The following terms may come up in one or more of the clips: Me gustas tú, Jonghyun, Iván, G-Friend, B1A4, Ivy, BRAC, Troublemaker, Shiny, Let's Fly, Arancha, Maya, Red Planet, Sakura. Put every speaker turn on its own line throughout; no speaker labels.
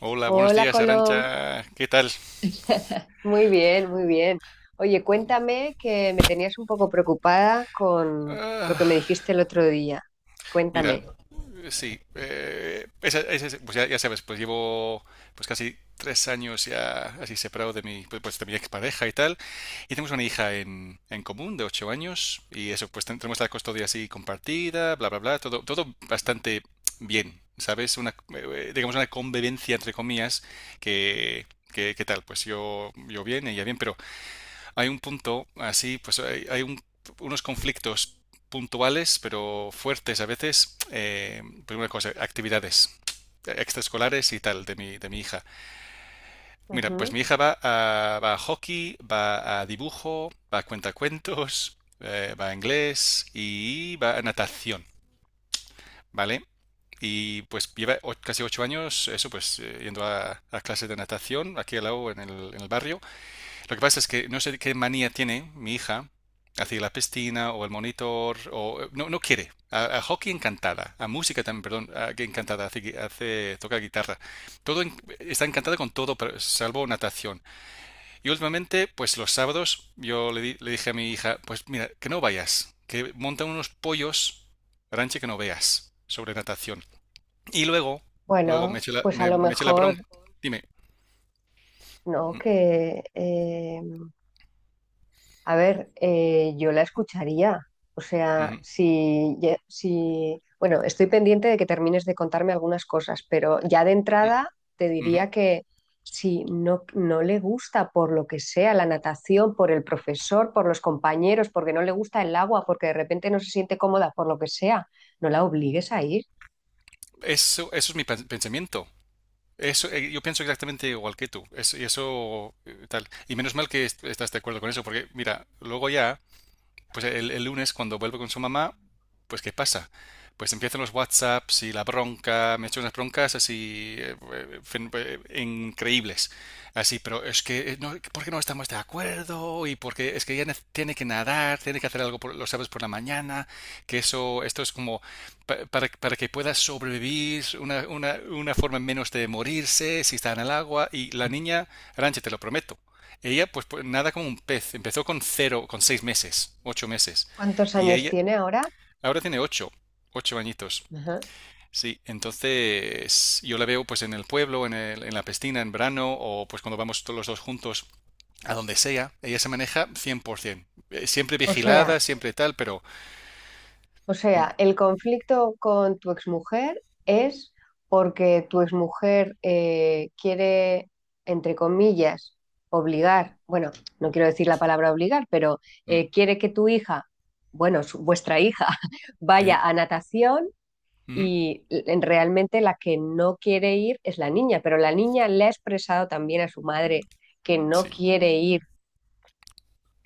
Hola, buenos
Hola,
días,
Colom.
Arancha. ¿Qué tal?
Muy bien, muy bien. Oye, cuéntame que me tenías un poco preocupada con lo que
Ah,
me dijiste el otro día.
mira,
Cuéntame.
sí, pues ya sabes, pues llevo pues casi 3 años ya así separado de mi, de mi expareja y tal. Y tenemos una hija en común de 8 años y eso, pues tenemos la custodia así compartida, bla, bla, bla, todo bastante bien, ¿sabes? Una, digamos una convivencia entre comillas que, ¿qué tal? Pues yo bien, ella bien, pero hay un punto, así, pues unos conflictos puntuales, pero fuertes a veces. Primera cosa, actividades extraescolares y tal de mi hija. Mira, pues
Ujú.
mi hija va a, va a hockey, va a dibujo, va a cuentacuentos, va a inglés y va a natación, ¿vale? Y pues lleva casi 8 años, eso pues, yendo a clases de natación aquí al lado en el barrio. Lo que pasa es que no sé qué manía tiene mi hija hacia la piscina o el monitor o no quiere. A hockey encantada, a música también, perdón, que encantada, toca guitarra. Todo está encantada con todo, salvo natación. Y últimamente, pues los sábados, le dije a mi hija, pues mira, que no vayas, que montan unos pollos, ranche que no veas, sobre natación. Y luego,
Bueno, pues a
me,
lo
me eché la
mejor,
bronca. Dime.
¿no? Que A ver, yo la escucharía. O sea,
Ujú,
si, ya- si, bueno, estoy pendiente de que termines de contarme algunas cosas, pero ya de
ujú,
entrada te
ujú.
diría que si no, no le gusta por lo que sea la natación, por el profesor, por los compañeros, porque no le gusta el agua, porque de repente no se siente cómoda, por lo que sea, no la obligues a ir.
Eso es mi pensamiento. Eso, yo pienso exactamente igual que tú. Y eso, tal. Y menos mal que estás de acuerdo con eso, porque mira, luego ya pues el lunes cuando vuelvo con su mamá, pues ¿qué pasa? Pues empiezan los WhatsApps y la bronca, me he hecho unas broncas así increíbles. Así, pero es que, no, ¿por qué no estamos de acuerdo? Y porque es que ella tiene que nadar, tiene que hacer algo los sábados por la mañana, que eso, esto es como para que pueda sobrevivir, una forma menos de morirse si está en el agua. Y la niña, Ranche, te lo prometo, ella, nada como un pez. Empezó con cero, con 6 meses, 8 meses.
¿Cuántos
Y
años
ella
tiene ahora?
ahora tiene ocho añitos.
Ajá.
Sí, entonces yo la veo pues en el pueblo, en la piscina, en verano, o pues cuando vamos todos los dos juntos a donde sea. Ella se maneja 100%. Siempre
O
vigilada,
sea,
siempre tal, pero...
O
mm,
sea, el conflicto con tu exmujer es porque tu exmujer quiere, entre comillas, obligar, bueno, no quiero decir la palabra obligar, pero
mm,
quiere que tu hija, bueno, vuestra hija,
eh,
vaya a natación
ujú,
y realmente la que no quiere ir es la niña, pero la niña le ha expresado también a su madre que no
sí.
quiere ir.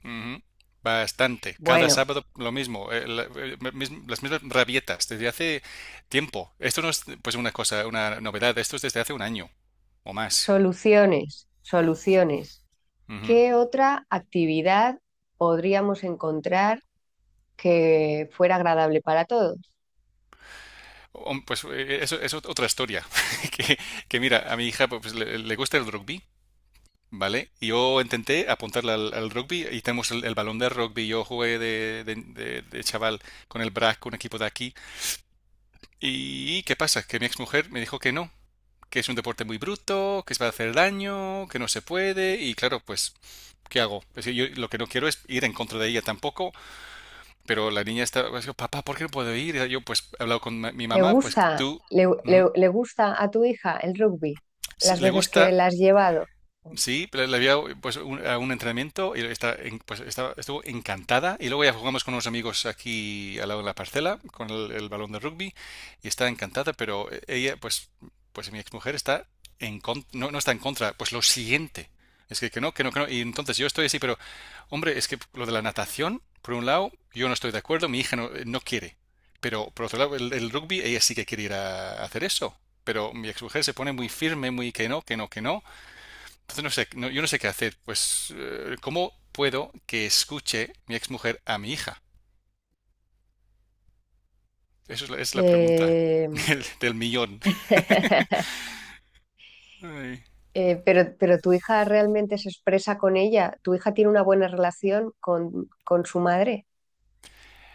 Ujú. Bastante. Cada
Bueno,
sábado lo mismo. Las mismas rabietas desde hace tiempo. Esto no es pues una cosa, una novedad. Esto es desde hace un año o más.
soluciones, soluciones.
Ujú.
¿Qué otra actividad podríamos encontrar que fuera agradable para todos?
Pues eso es otra historia. Que, que mira, a mi hija le gusta el rugby, ¿vale? Y yo intenté apuntarla al, al rugby y tenemos el balón de rugby. Yo jugué de chaval con el BRAC, un equipo de aquí. ¿Y qué pasa? Que mi exmujer me dijo que no, que es un deporte muy bruto, que se va a hacer daño, que no se puede, y claro, pues, ¿qué hago? Es decir, yo lo que no quiero es ir en contra de ella tampoco, pero la niña está, pues, papá, ¿por qué no puedo ir? Y yo, pues, he hablado con mi
¿Le
mamá, pues
gusta,
tú, ujú,
le gusta a tu hija el rugby
si
las
le
veces que
gusta.
la has llevado?
Sí, pero le había pues a un entrenamiento y pues, estuvo encantada. Y luego ya jugamos con unos amigos aquí al lado de la parcela con el balón de rugby y está encantada, pero ella, pues mi exmujer está no, no está en contra, pues lo siguiente. Es que no, que no, que no. Y entonces yo estoy así, pero hombre, es que lo de la natación, por un lado, yo no estoy de acuerdo, mi hija no quiere. Pero por otro lado, el rugby, ella sí que quiere ir a hacer eso. Pero mi exmujer se pone muy firme, muy que no, que no, que no. Entonces no sé, yo no sé qué hacer. Pues, ¿cómo puedo que escuche mi exmujer a mi hija? Esa es la pregunta
Eh,
del, del millón. Ay.
pero tu hija realmente se expresa con ella. ¿Tu hija tiene una buena relación con su madre?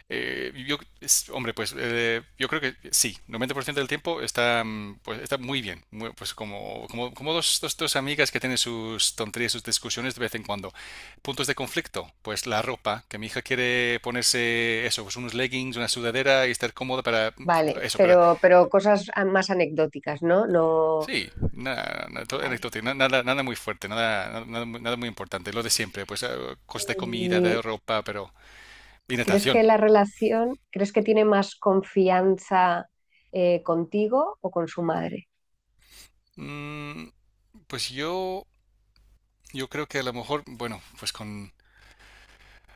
Hombre, yo creo que sí. 90% del tiempo está, pues, está muy bien. Pues como, como dos amigas que tienen sus tonterías, sus discusiones de vez en cuando. Puntos de conflicto, pues la ropa, que mi hija quiere ponerse eso, pues unos leggings, una sudadera y estar cómoda para
Vale,
eso, para.
pero cosas más anecdóticas, ¿no? No,
Sí, nada, nada, todo
vale.
anecdótico, nada, nada muy fuerte, nada, nada, nada muy nada muy importante, lo de siempre, pues cosas de comida,
Y,
de ropa, pero y
¿crees
natación.
que la relación, crees que tiene más confianza contigo o con su madre?
Mm, pues yo creo que a lo mejor, bueno, pues con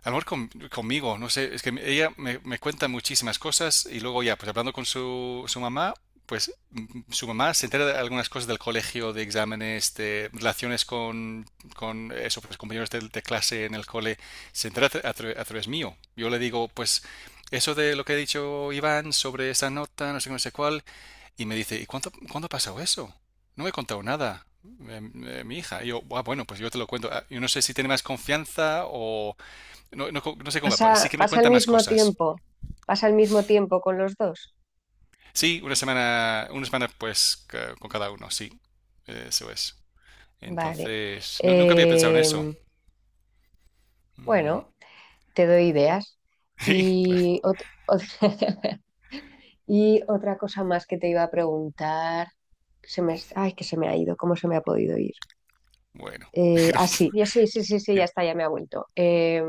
a lo mejor conmigo, no sé, es que ella me cuenta muchísimas cosas y luego ya, pues hablando con su, su mamá, pues su mamá se entera de algunas cosas del colegio, de exámenes, de relaciones con eso, pues, compañeros de clase en el cole, se entera a través mío. Yo le digo, pues eso de lo que ha dicho Iván sobre esa nota, no sé qué, no sé cuál, y me dice, ¿y cuándo ha pasado eso? No me he contado nada. Mi hija. Y yo, "Ah, bueno, pues yo te lo cuento." Ah, yo no sé si tiene más confianza o, no, no, no sé cómo va, pues, sí
¿Pasa,
que me
pasa al
cuenta más
mismo
cosas.
tiempo? ¿Pasa al mismo tiempo con los dos?
Sí, una semana pues con cada uno, sí. Eso es.
Vale.
Entonces, nunca había pensado en
Eh,
eso. Mm.
bueno, te doy ideas.
Sí, claro.
Y, ot- ot- y otra cosa más que te iba a preguntar. Se me, ay, que se me ha ido, ¿cómo se me ha podido ir?
Bueno, pero,
Sí, ya
dime.
está, ya me ha vuelto.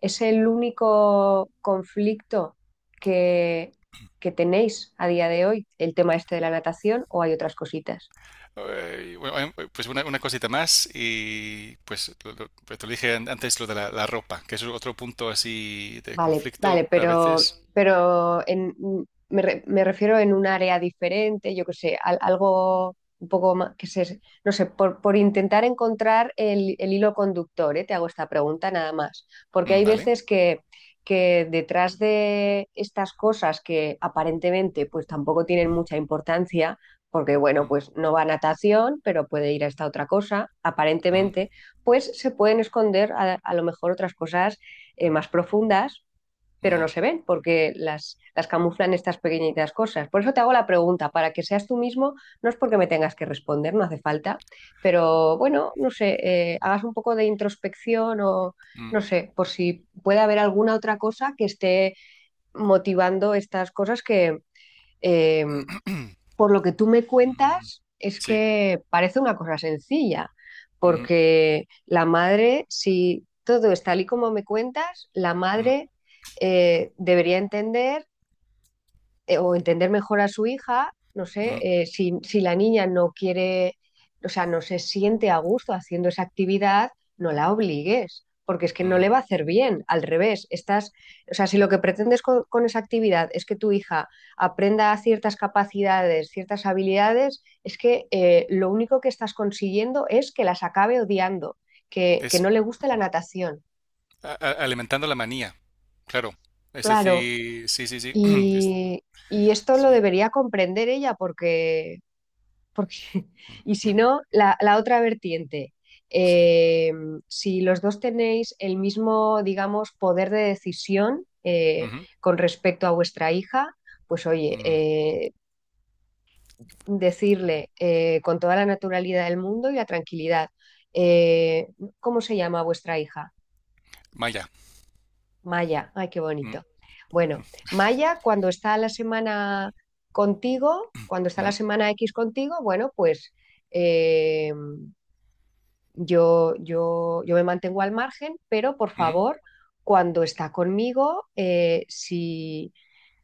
Es el único conflicto que, que tenéis a día de hoy, el tema este de la natación, o hay otras cositas.
Bueno, pues una cosita más y pues, pues te lo dije antes lo de la, la ropa, que es otro punto así de
Vale, vale,
conflicto a veces.
pero en, me refiero en un área diferente, yo qué sé, algo un poco más, que se, no sé, por intentar encontrar el hilo conductor, ¿eh? Te hago esta pregunta nada más, porque
Mm,
hay
¿vale?
veces que detrás de estas cosas que aparentemente pues tampoco tienen mucha importancia, porque bueno,
Mm,
pues no va a natación, pero puede ir a esta otra cosa,
ujú,
aparentemente, pues se pueden esconder a lo mejor otras cosas más profundas pero
mm,
no se ven porque las camuflan estas pequeñitas cosas. Por eso te hago la pregunta, para que seas tú mismo, no es porque me tengas que responder, no hace falta, pero bueno, no sé, hagas un poco de introspección o
mm,
no sé, por si puede haber alguna otra cosa que esté motivando estas cosas que... Eh, por lo que tú me
mm,
cuentas, es
sí.
que parece una cosa sencilla,
Ujú,
porque la madre, si todo es tal y como me cuentas, la
ujú,
madre debería entender o entender mejor a su hija, no sé,
ujú,
si, si la niña no quiere, o sea, no se siente a gusto haciendo esa actividad, no la obligues, porque es que no
ujú.
le va a hacer bien, al revés, estás, o sea, si lo que pretendes con esa actividad es que tu hija aprenda ciertas capacidades, ciertas habilidades, es que lo único que estás consiguiendo es que las acabe odiando, que
Es,
no le guste la natación,
Alimentando la manía, claro. Es
claro,
decir, sí, sí, sí. es-
y... Y esto lo
sí.
debería comprender ella porque, porque, y si
Mm,
no, la otra vertiente,
sí,
eh, si los dos tenéis el mismo, digamos, poder de decisión
ujú,
con respecto a vuestra hija, pues oye,
ujú, ujú.
decirle con toda la naturalidad del mundo y la tranquilidad, eh, ¿cómo se llama vuestra hija?
Maya.
Maya, ay, qué
Mm,
bonito. Bueno, Maya, cuando está la semana contigo, cuando está la
ujú,
semana X contigo, bueno, pues eh, yo me mantengo al margen, pero por
ujú,
favor, cuando está conmigo, si,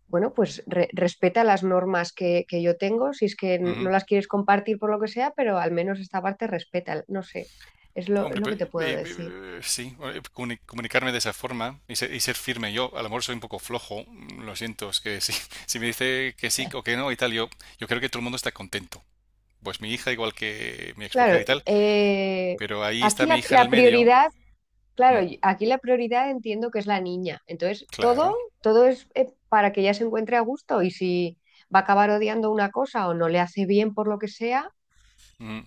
bueno, pues respeta las normas que yo tengo, si es que no
ujú.
las quieres compartir por lo que sea, pero al menos esta parte respeta, no sé, es
Hombre,
lo que te puedo decir.
sí, comunicarme de esa forma y ser firme. Yo, a lo mejor soy un poco flojo, lo siento, es que sí. Si me dice que sí o que no y tal, yo creo que todo el mundo está contento. Pues mi hija, igual que mi exmujer
Claro,
y tal, pero ahí
aquí
está mi
la,
hija en el
la
medio.
prioridad.
Mm,
Claro, y aquí la prioridad entiendo que es la niña. Entonces, todo,
claro,
todo es para que ella se encuentre a gusto y si va a acabar odiando una cosa o no le hace bien por lo que sea,
mm,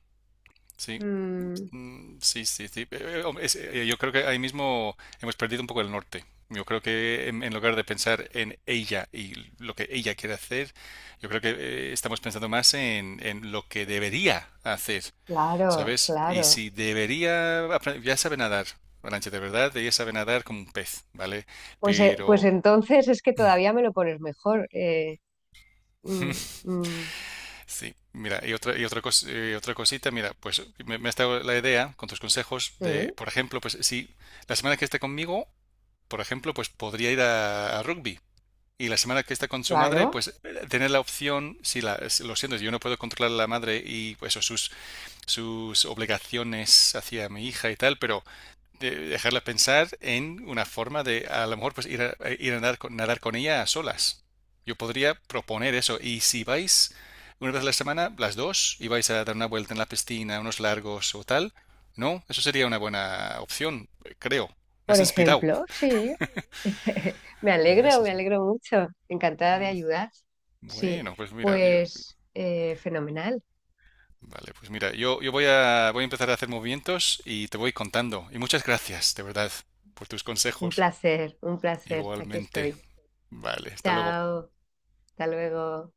sí.
mm,
Mm, sí, sí, sí. Hombre, yo creo que ahí mismo hemos perdido un poco el norte. Yo creo que en lugar de pensar en ella y lo que ella quiere hacer, yo creo que estamos pensando más en lo que debería hacer,
claro,
¿sabes? Y
claro.
si debería, ya sabe nadar, Arantxa, de verdad, ella sabe nadar como un pez, ¿vale?
Pues, pues
Pero
entonces es que todavía me lo pones mejor. Mm, mm,
sí, mira, otra cosita, mira, pues me ha estado la idea con tus consejos de,
mm,
por ejemplo, pues si la semana que esté conmigo por ejemplo, pues podría ir a rugby. Y la semana que está con su madre,
claro,
pues tener la opción, si la, si- lo siento, yo no puedo controlar a la madre y pues, sus obligaciones hacia mi hija y tal, pero dejarla pensar en una forma de a lo mejor pues ir a nadar, nadar con ella a solas. Yo podría proponer eso. Y si vais una vez a la semana, las dos, y vais a dar una vuelta en la piscina, unos largos o tal, no, eso sería una buena opción, creo. Me
por
has inspirado.
ejemplo, sí.
Me has-
Me
inspirado.
alegro mucho. Encantada de ayudar. Sí,
Bueno, pues mira,
pues fenomenal.
vale, pues mira, yo voy a, voy a empezar a hacer movimientos y te voy contando. Y muchas gracias, de verdad, por tus
Un
consejos.
placer, un placer. Aquí
Igualmente.
estoy.
Vale, hasta luego.
Chao, hasta luego.